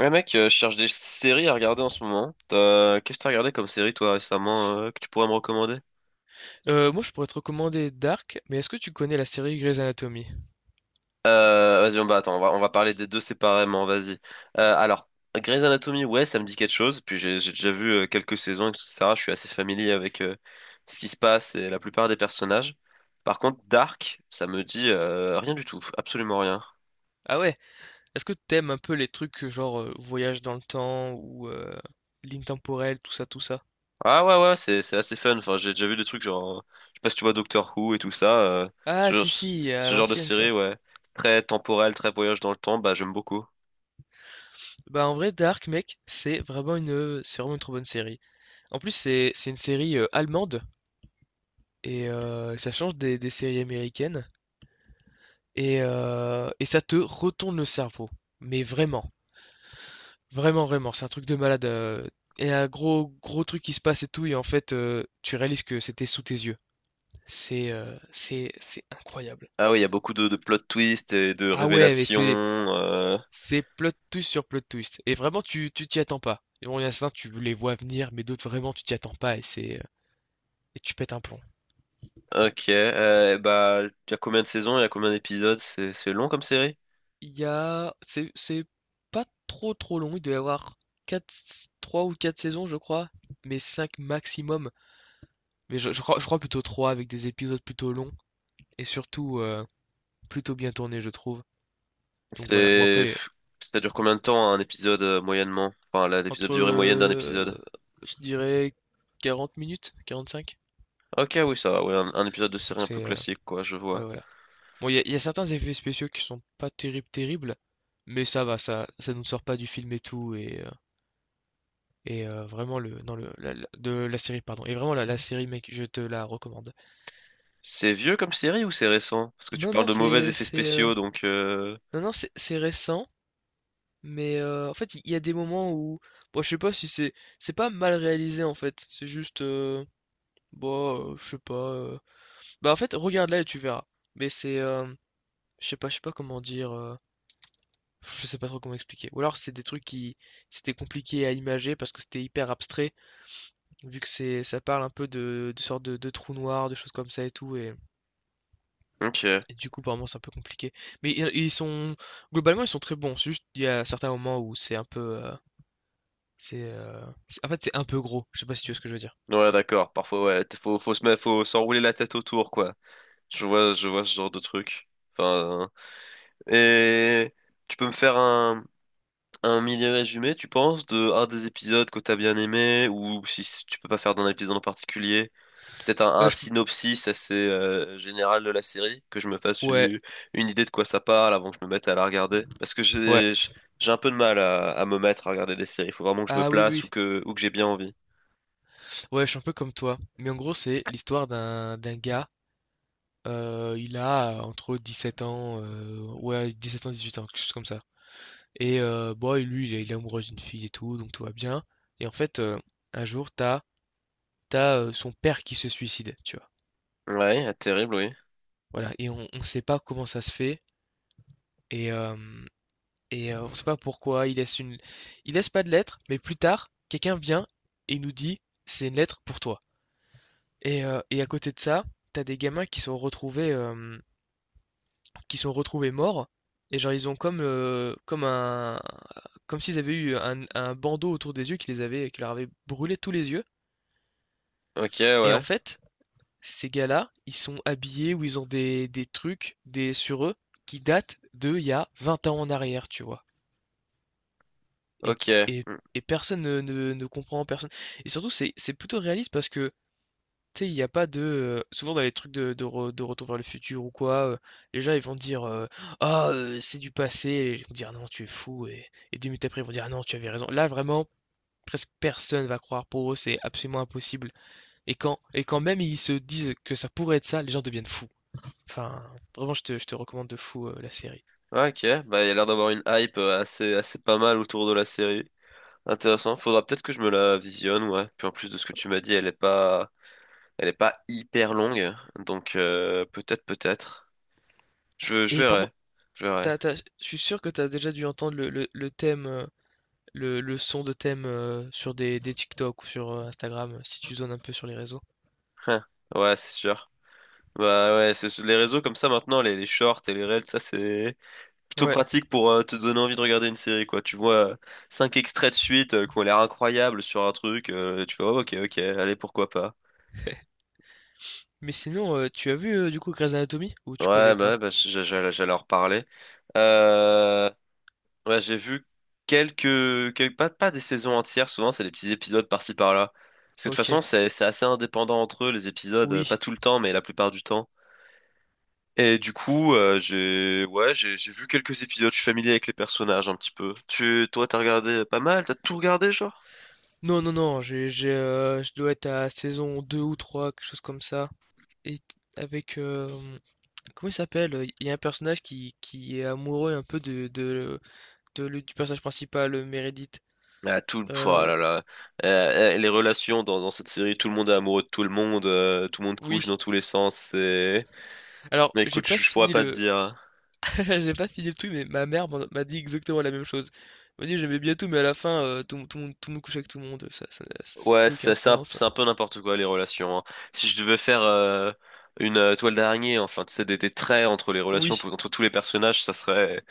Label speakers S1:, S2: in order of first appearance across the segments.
S1: Ouais mec, je cherche des séries à regarder en ce moment. Qu'est-ce que t'as regardé comme série toi récemment, que tu pourrais me recommander?
S2: Moi, je pourrais te recommander Dark, mais est-ce que tu connais la série Grey's Anatomy?
S1: Vas-y, on va attends, on va parler des deux séparément, vas-y. Euh, alors, Grey's Anatomy, ouais, ça me dit quelque chose. Puis j'ai déjà vu, quelques saisons, etc. Je suis assez familier avec, ce qui se passe et la plupart des personnages. Par contre, Dark, ça me dit, rien du tout, absolument rien.
S2: Ah ouais? Est-ce que t'aimes un peu les trucs, genre, voyage dans le temps ou, ligne temporelle, tout ça, tout ça?
S1: Ah ouais, ouais, c'est assez fun. Enfin, j'ai déjà vu des trucs genre, je sais pas si tu vois Doctor Who et tout ça.
S2: Ah
S1: Ce genre,
S2: si, si, à
S1: ce genre de
S2: l'ancienne
S1: série,
S2: ça.
S1: ouais, très temporel, très voyage dans le temps, bah j'aime beaucoup.
S2: Bah, en vrai, Dark, mec, c'est vraiment une trop bonne série. En plus, c'est une série, allemande et ça change des séries américaines et ça te retourne le cerveau, mais vraiment. Vraiment, vraiment, c'est un truc de malade. Et un gros, gros truc qui se passe et tout, et en fait, tu réalises que c'était sous tes yeux. C'est incroyable.
S1: Ah oui, il y a beaucoup de plot twists et de
S2: Ah ouais, mais
S1: révélations.
S2: c'est, c'est plot twist sur plot twist. Et vraiment, tu t'y attends pas. Et bon, il y en a certains, tu les vois venir, mais d'autres, vraiment, tu t'y attends pas, et tu pètes un plomb.
S1: Ok, bah il y a combien de saisons, il y a combien d'épisodes, c'est long comme série?
S2: Il y a, c'est pas trop, trop long. Il doit y avoir quatre, 3 ou 4 saisons, je crois, mais 5 maximum. Mais je crois plutôt 3 avec des épisodes plutôt longs. Et surtout, plutôt bien tourné, je trouve. Donc voilà. Bon, après,
S1: C'est ça dure combien de temps un épisode, moyennement? Enfin l'épisode,
S2: entre,
S1: durée moyenne d'un épisode.
S2: je dirais, 40 minutes, 45.
S1: Ok, oui, ça va, ouais, un épisode de série
S2: Donc
S1: un peu
S2: c'est.
S1: classique, quoi, je
S2: Ouais,
S1: vois.
S2: voilà. Bon, il y a certains effets spéciaux qui sont pas terribles, terribles. Mais ça va, ça nous sort pas du film et tout. Vraiment, le, non le, la- de la série, pardon. Et vraiment, la série, mec, je te la recommande.
S1: C'est vieux comme série ou c'est récent? Parce que tu
S2: Non,
S1: parles
S2: non,
S1: de mauvais effets
S2: c'est,
S1: spéciaux, donc…
S2: non, non, c'est récent. Mais en fait, il y a des moments où. Bon, je sais pas si c'est. C'est pas mal réalisé en fait, c'est juste. Bon, je sais pas, bah, en fait, regarde-la et tu verras. Mais je sais pas comment dire, je sais pas trop comment expliquer. Ou alors c'est des trucs qui c'était compliqué à imager parce que c'était hyper abstrait, vu que c'est ça parle un peu de sortes de trous noirs, de choses comme ça et tout et
S1: Ok.
S2: et du coup, par moments, c'est un peu compliqué. Mais il ils sont globalement, ils sont très bons, c'est juste il y a certains moments où c'est, heu, c'est en fait, c'est un peu gros. Je sais pas si tu vois ce que je veux dire?
S1: Ouais, d'accord. Parfois, ouais, faut se mettre, faut s'enrouler la tête autour, quoi. Je vois ce genre de truc. Enfin… Et… Tu peux me faire un mini résumé, tu penses, de un des épisodes que t'as bien aimé, ou si tu peux pas faire d'un épisode en particulier, peut-être un
S2: Je p
S1: synopsis assez, général de la série, que je me fasse
S2: Ouais,
S1: une idée de quoi ça parle avant que je me mette à la regarder. Parce que
S2: ouais.
S1: j'ai un peu de mal à me mettre à regarder des séries. Il faut vraiment que je me
S2: Ah oui,
S1: place
S2: oui.
S1: ou que j'ai bien envie.
S2: Ouais, je suis un peu comme toi. Mais en gros, c'est l'histoire d'un gars, il a, entre 7 ans, ouais 7 ans, 18 ans, quelque chose comme ça. Et bon, bah, lui, il est amoureux d'une fille et tout, donc tout va bien. Et en fait, un jour, son père qui se suicide, tu vois?
S1: Ouais, terrible, oui.
S2: Voilà. Et on sait pas comment ça se fait et hem et on ne sait pas pourquoi, il laisse pas de lettre, mais plus tard, quelqu'un vient et nous dit: «C'est une lettre pour toi». Et et à côté de ça, t'as des gamins qui sont retrouvés morts et genre ils ont comme s'ils avaient eu un bandeau autour des yeux qui leur avait brûlé tous les yeux.
S1: Ok,
S2: Et en
S1: ouais.
S2: fait, ces gars-là, ils sont habillés ou ils ont des trucs, des sur eux, qui datent d'il y a 20 ans en arrière, tu vois? Et,
S1: Ok.
S2: et,
S1: Mm.
S2: et personne ne comprend, personne. Et surtout, c'est plutôt réaliste parce que, tu sais, il n'y a pas de. Souvent, dans les trucs de Retour vers le futur ou quoi, les gens, ils vont dire, ah, c'est du passé. Et ils vont dire, ah non, tu es fou. Et 2 minutes après, ils vont dire, ah non, tu avais raison. Là, vraiment, presque personne va croire pour eux, c'est absolument impossible. Et quand même ils se disent que ça pourrait être ça, les gens deviennent fous. Enfin, vraiment, je te recommande de fou, la série.
S1: Ouais, ok. Bah, il y a l'air d'avoir une hype, assez pas mal autour de la série. Intéressant, faudra peut-être que je me la visionne, ouais. Puis en plus de ce que tu m'as dit, elle est pas hyper longue, donc, peut-être, peut-être. Je
S2: Et par
S1: verrai,
S2: contre,
S1: je verrai.
S2: je suis sûr que tu as déjà dû entendre le thème, le son de thème, sur des TikTok ou sur Instagram, si tu zones un peu sur les réseaux.
S1: Hein. Ouais, c'est sûr. Bah ouais, c'est les réseaux comme ça maintenant, les shorts et les reels, ça c'est plutôt
S2: Ouais.
S1: pratique pour, te donner envie de regarder une série, quoi. Tu vois, cinq extraits de suite, qui ont l'air incroyables sur un truc, tu fais oh, ok, ok, allez, pourquoi pas.
S2: Mais sinon, tu as vu, du coup, Grey's Anatomy? Ou tu
S1: Ouais,
S2: connais
S1: bah ouais,
S2: pas?
S1: bah, j'allais en reparler. Euh, Ouais, j'ai vu quelques pas des saisons entières, souvent c'est des petits épisodes par-ci par-là. Parce que de toute
S2: Ok.
S1: façon, c'est assez indépendant entre eux, les épisodes, pas
S2: Oui.
S1: tout le temps, mais la plupart du temps. Et du coup, j'ai, ouais, j'ai vu quelques épisodes, je suis familier avec les personnages un petit peu. Toi, t'as regardé pas mal, t'as tout regardé, genre?
S2: Non, non, non, je dois être à saison 2 ou 3, quelque chose comme ça. Et avec... comment il s'appelle? Il y a un personnage qui est amoureux un peu du personnage principal, Meredith.
S1: Ah, tout, oh
S2: Heu,
S1: là là. Les relations dans cette série, tout le monde est amoureux de tout le monde couche
S2: oui.
S1: dans tous les sens, c'est…
S2: Alors,
S1: Mais
S2: j'ai
S1: écoute,
S2: pas
S1: je pourrais
S2: fini
S1: pas te
S2: le
S1: dire.
S2: j'ai pas fini le truc, mais ma mère m'a dit exactement la même chose. Elle m'a dit: «J'aimais bien tout, mais à la fin, tout le monde couchait avec tout le monde, ça a
S1: Ouais,
S2: plus aucun
S1: c'est c'est un,
S2: sens».
S1: c'est un peu n'importe quoi, les relations, hein. Si je devais faire, une, toile d'araignée, enfin, tu sais, des traits entre les relations,
S2: Oui,
S1: entre tous les personnages, ça serait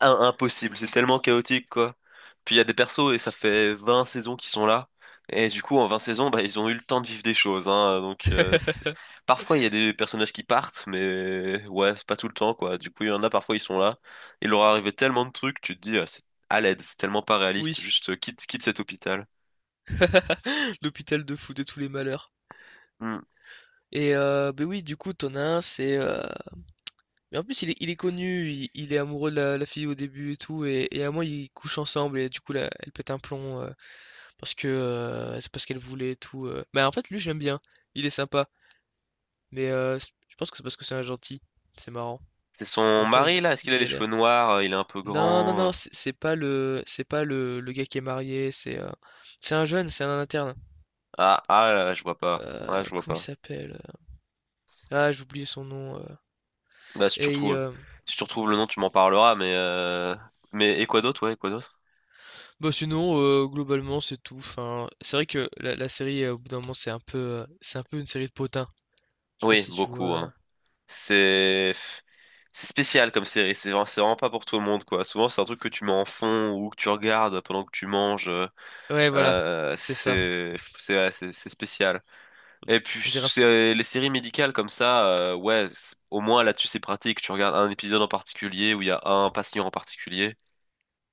S1: impossible. C'est tellement chaotique, quoi. Puis il y a des persos et ça fait 20 saisons qu'ils sont là. Et du coup, en 20 saisons, bah, ils ont eu le temps de vivre des choses. Hein. Donc, parfois, il y a des personnages qui partent, mais ouais, c'est pas tout le temps, quoi. Du coup, il y en a, parfois, ils sont là. Il leur est arrivé tellement de trucs, tu te dis, c'est à l'aide, c'est tellement pas réaliste.
S2: oui,
S1: Juste, quitte cet hôpital.
S2: l'hôpital de fou de tous les malheurs.
S1: Hmm.
S2: Et beh, oui, du coup, tu as un, c'est, mais en plus, il est connu, il est amoureux de la fille au début et tout et à moi ils couchent ensemble et du coup, là, elle pète un plomb, parce que, c'est parce qu'elle voulait et tout, bah, en fait, lui, j'aime bien, il est sympa. Mais je pense que c'est parce que c'est un gentil. C'est marrant.
S1: C'est
S2: En
S1: son
S2: même temps, il,
S1: mari, là? Est-ce
S2: il
S1: qu'il a les cheveux
S2: galère.
S1: noirs? Il est un peu
S2: Non, non,
S1: grand?
S2: non, c'est pas le gars qui est marié. C'est un jeune, c'est un interne.
S1: Ah, ah là, je vois pas. Ouais, je vois
S2: Comment il
S1: pas.
S2: s'appelle? Ah, j'ai oublié son nom.
S1: Bah si tu
S2: Et
S1: retrouves, si tu retrouves le nom, tu m'en parleras. Mais et quoi d'autre? Ouais, et quoi d'autre?
S2: bah, sinon, globalement, c'est tout. Enfin, c'est vrai que la série, au bout d'un moment, c'est un peu une série de potins. Je sais pas
S1: Oui,
S2: si tu
S1: beaucoup,
S2: vois.
S1: hein. C'est c'est spécial comme série. C'est vraiment pas pour tout le monde, quoi. Souvent c'est un truc que tu mets en fond ou que tu regardes pendant que tu manges.
S2: Ouais, voilà, c'est ça.
S1: C'est ouais, c'est spécial. Et puis
S2: On dirait.
S1: c'est, les séries médicales comme ça, ouais, au moins là-dessus c'est pratique. Tu regardes un épisode en particulier où il y a un patient en particulier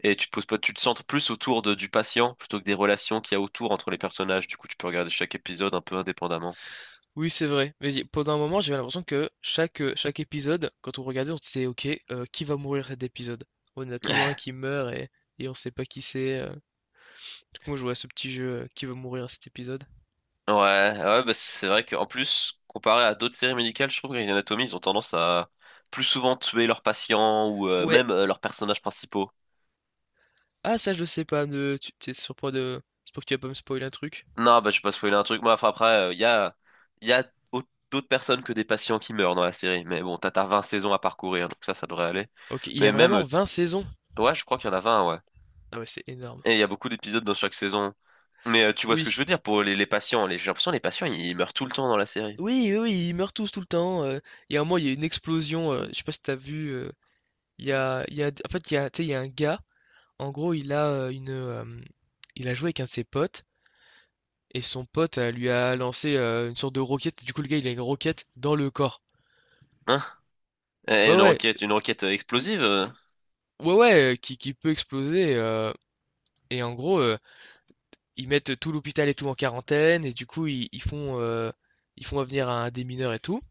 S1: et tu te poses pas, tu te centres plus autour du patient plutôt que des relations qu'il y a autour entre les personnages. Du coup, tu peux regarder chaque épisode un peu indépendamment.
S2: Oui, c'est vrai. Mais pendant un moment, j'avais l'impression que chaque épisode, quand on regardait, on se disait, OK, qui va mourir cet épisode? On a toujours un qui meurt, et on sait pas qui c'est. Du coup, moi, je jouais à ce petit jeu, qui va mourir cet épisode?
S1: Ouais, ouais, bah c'est vrai qu'en plus comparé à d'autres séries médicales, je trouve que Grey's Anatomy, ils ont tendance à plus souvent tuer leurs patients ou,
S2: Ouais.
S1: même, leurs personnages principaux.
S2: Ah, ça, je sais pas. Ne, tu t'es sur point de. C'est pour que tu vas pas me spoiler un truc.
S1: Non, bah, je vais pas spoiler un truc. Moi, enfin, après, il y a, y a au- d'autres personnes que des patients qui meurent dans la série. Mais bon, t'as 20 saisons à parcourir, donc ça devrait aller.
S2: Ok, il y
S1: Mais
S2: a
S1: même,
S2: vraiment 20 saisons.
S1: ouais, je crois qu'il y en a 20, ouais.
S2: Ah ouais, c'est énorme.
S1: Et il y a beaucoup d'épisodes dans chaque saison. Mais, tu vois ce que
S2: Oui.
S1: je veux dire pour les patients. J'ai l'impression que les patients, ils meurent tout le temps dans la série.
S2: Oui, oui, oui, ils meurent tous tout le temps. Il y a un moment, il y a une explosion. Je sais pas si t'as vu. En fait, tu sais, il y a un gars. En gros, il a joué avec un de ses potes et son pote, lui a lancé, une sorte de roquette. Du coup, le gars, il a une roquette dans le corps.
S1: Hein? Et
S2: Ouais, ouais,
S1: une roquette explosive?
S2: ouais, ouais, qui peut exploser, et en gros, ils mettent tout l'hôpital et tout en quarantaine et du coup, ils font venir un démineur et tout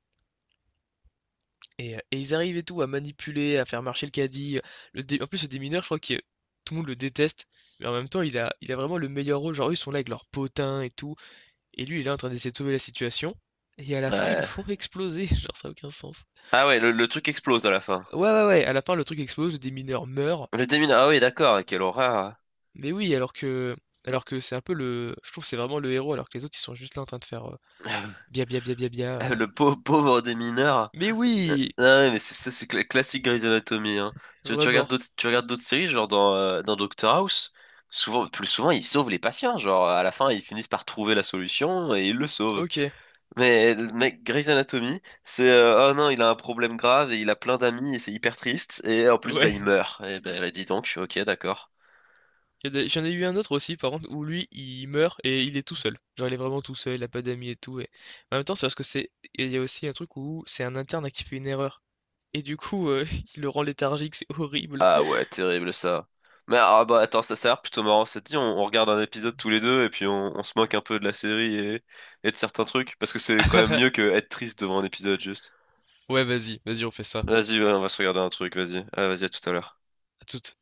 S2: et ils arrivent et tout à manipuler, à faire marcher le caddie, le dé en plus, le démineur, je crois que tout le monde le déteste, mais en même temps, il a vraiment le meilleur rôle. Genre, eux, ils sont là avec leurs potins et tout. Et lui, il est en train d'essayer de sauver la situation. Et à la fin, ils le
S1: Ouais.
S2: font exploser. Genre, ça a aucun sens.
S1: Ah ouais, le truc explose à la fin.
S2: Ouais, ouais, ouais. À la fin, le truc explose, des mineurs meurent.
S1: Le démineur, ah oui, d'accord, quelle horreur.
S2: Mais oui, alors que c'est un peu le, je trouve que c'est vraiment le héros, alors que les autres, ils sont juste là en train de faire bia bia bia bia bia.
S1: Le pauvre, pauvre démineur.
S2: Mais oui,
S1: Ah ouais, mais c'est ça, c'est classique Grey's Anatomy, hein. Tu regardes
S2: vraiment.
S1: d'autres, tu regardes d'autres séries, genre dans Doctor House, souvent, plus souvent, ils sauvent les patients, genre, à la fin, ils finissent par trouver la solution et ils le sauvent.
S2: Ok.
S1: Mais, le mec, Grey's Anatomy, c'est, oh non, il a un problème grave et il a plein d'amis et c'est hyper triste, et en plus, bah, il
S2: Ouais,
S1: meurt. Et ben, elle a dit donc, ok, d'accord.
S2: Il y a des- j'en ai eu un autre aussi par contre où lui il meurt et il est tout seul. Genre il est vraiment tout seul, il a pas d'amis et tout. Et... En même temps, c'est parce que c'est. Il y a aussi un truc où c'est un interne qui fait une erreur. Et du coup, il le rend léthargique, c'est horrible.
S1: Ah ouais, terrible ça. Mais ah bah attends, ça a l'air plutôt marrant. Ça te dit, on regarde un épisode tous les deux et puis on se moque un peu de la série et de certains trucs. Parce que c'est quand même mieux que être triste devant un épisode juste.
S2: Ouais, vas-y, vas-y, on fait ça.
S1: Vas-y, ouais, on va se regarder un truc, vas-y. Ah, vas-y, à tout à l'heure.
S2: À toute.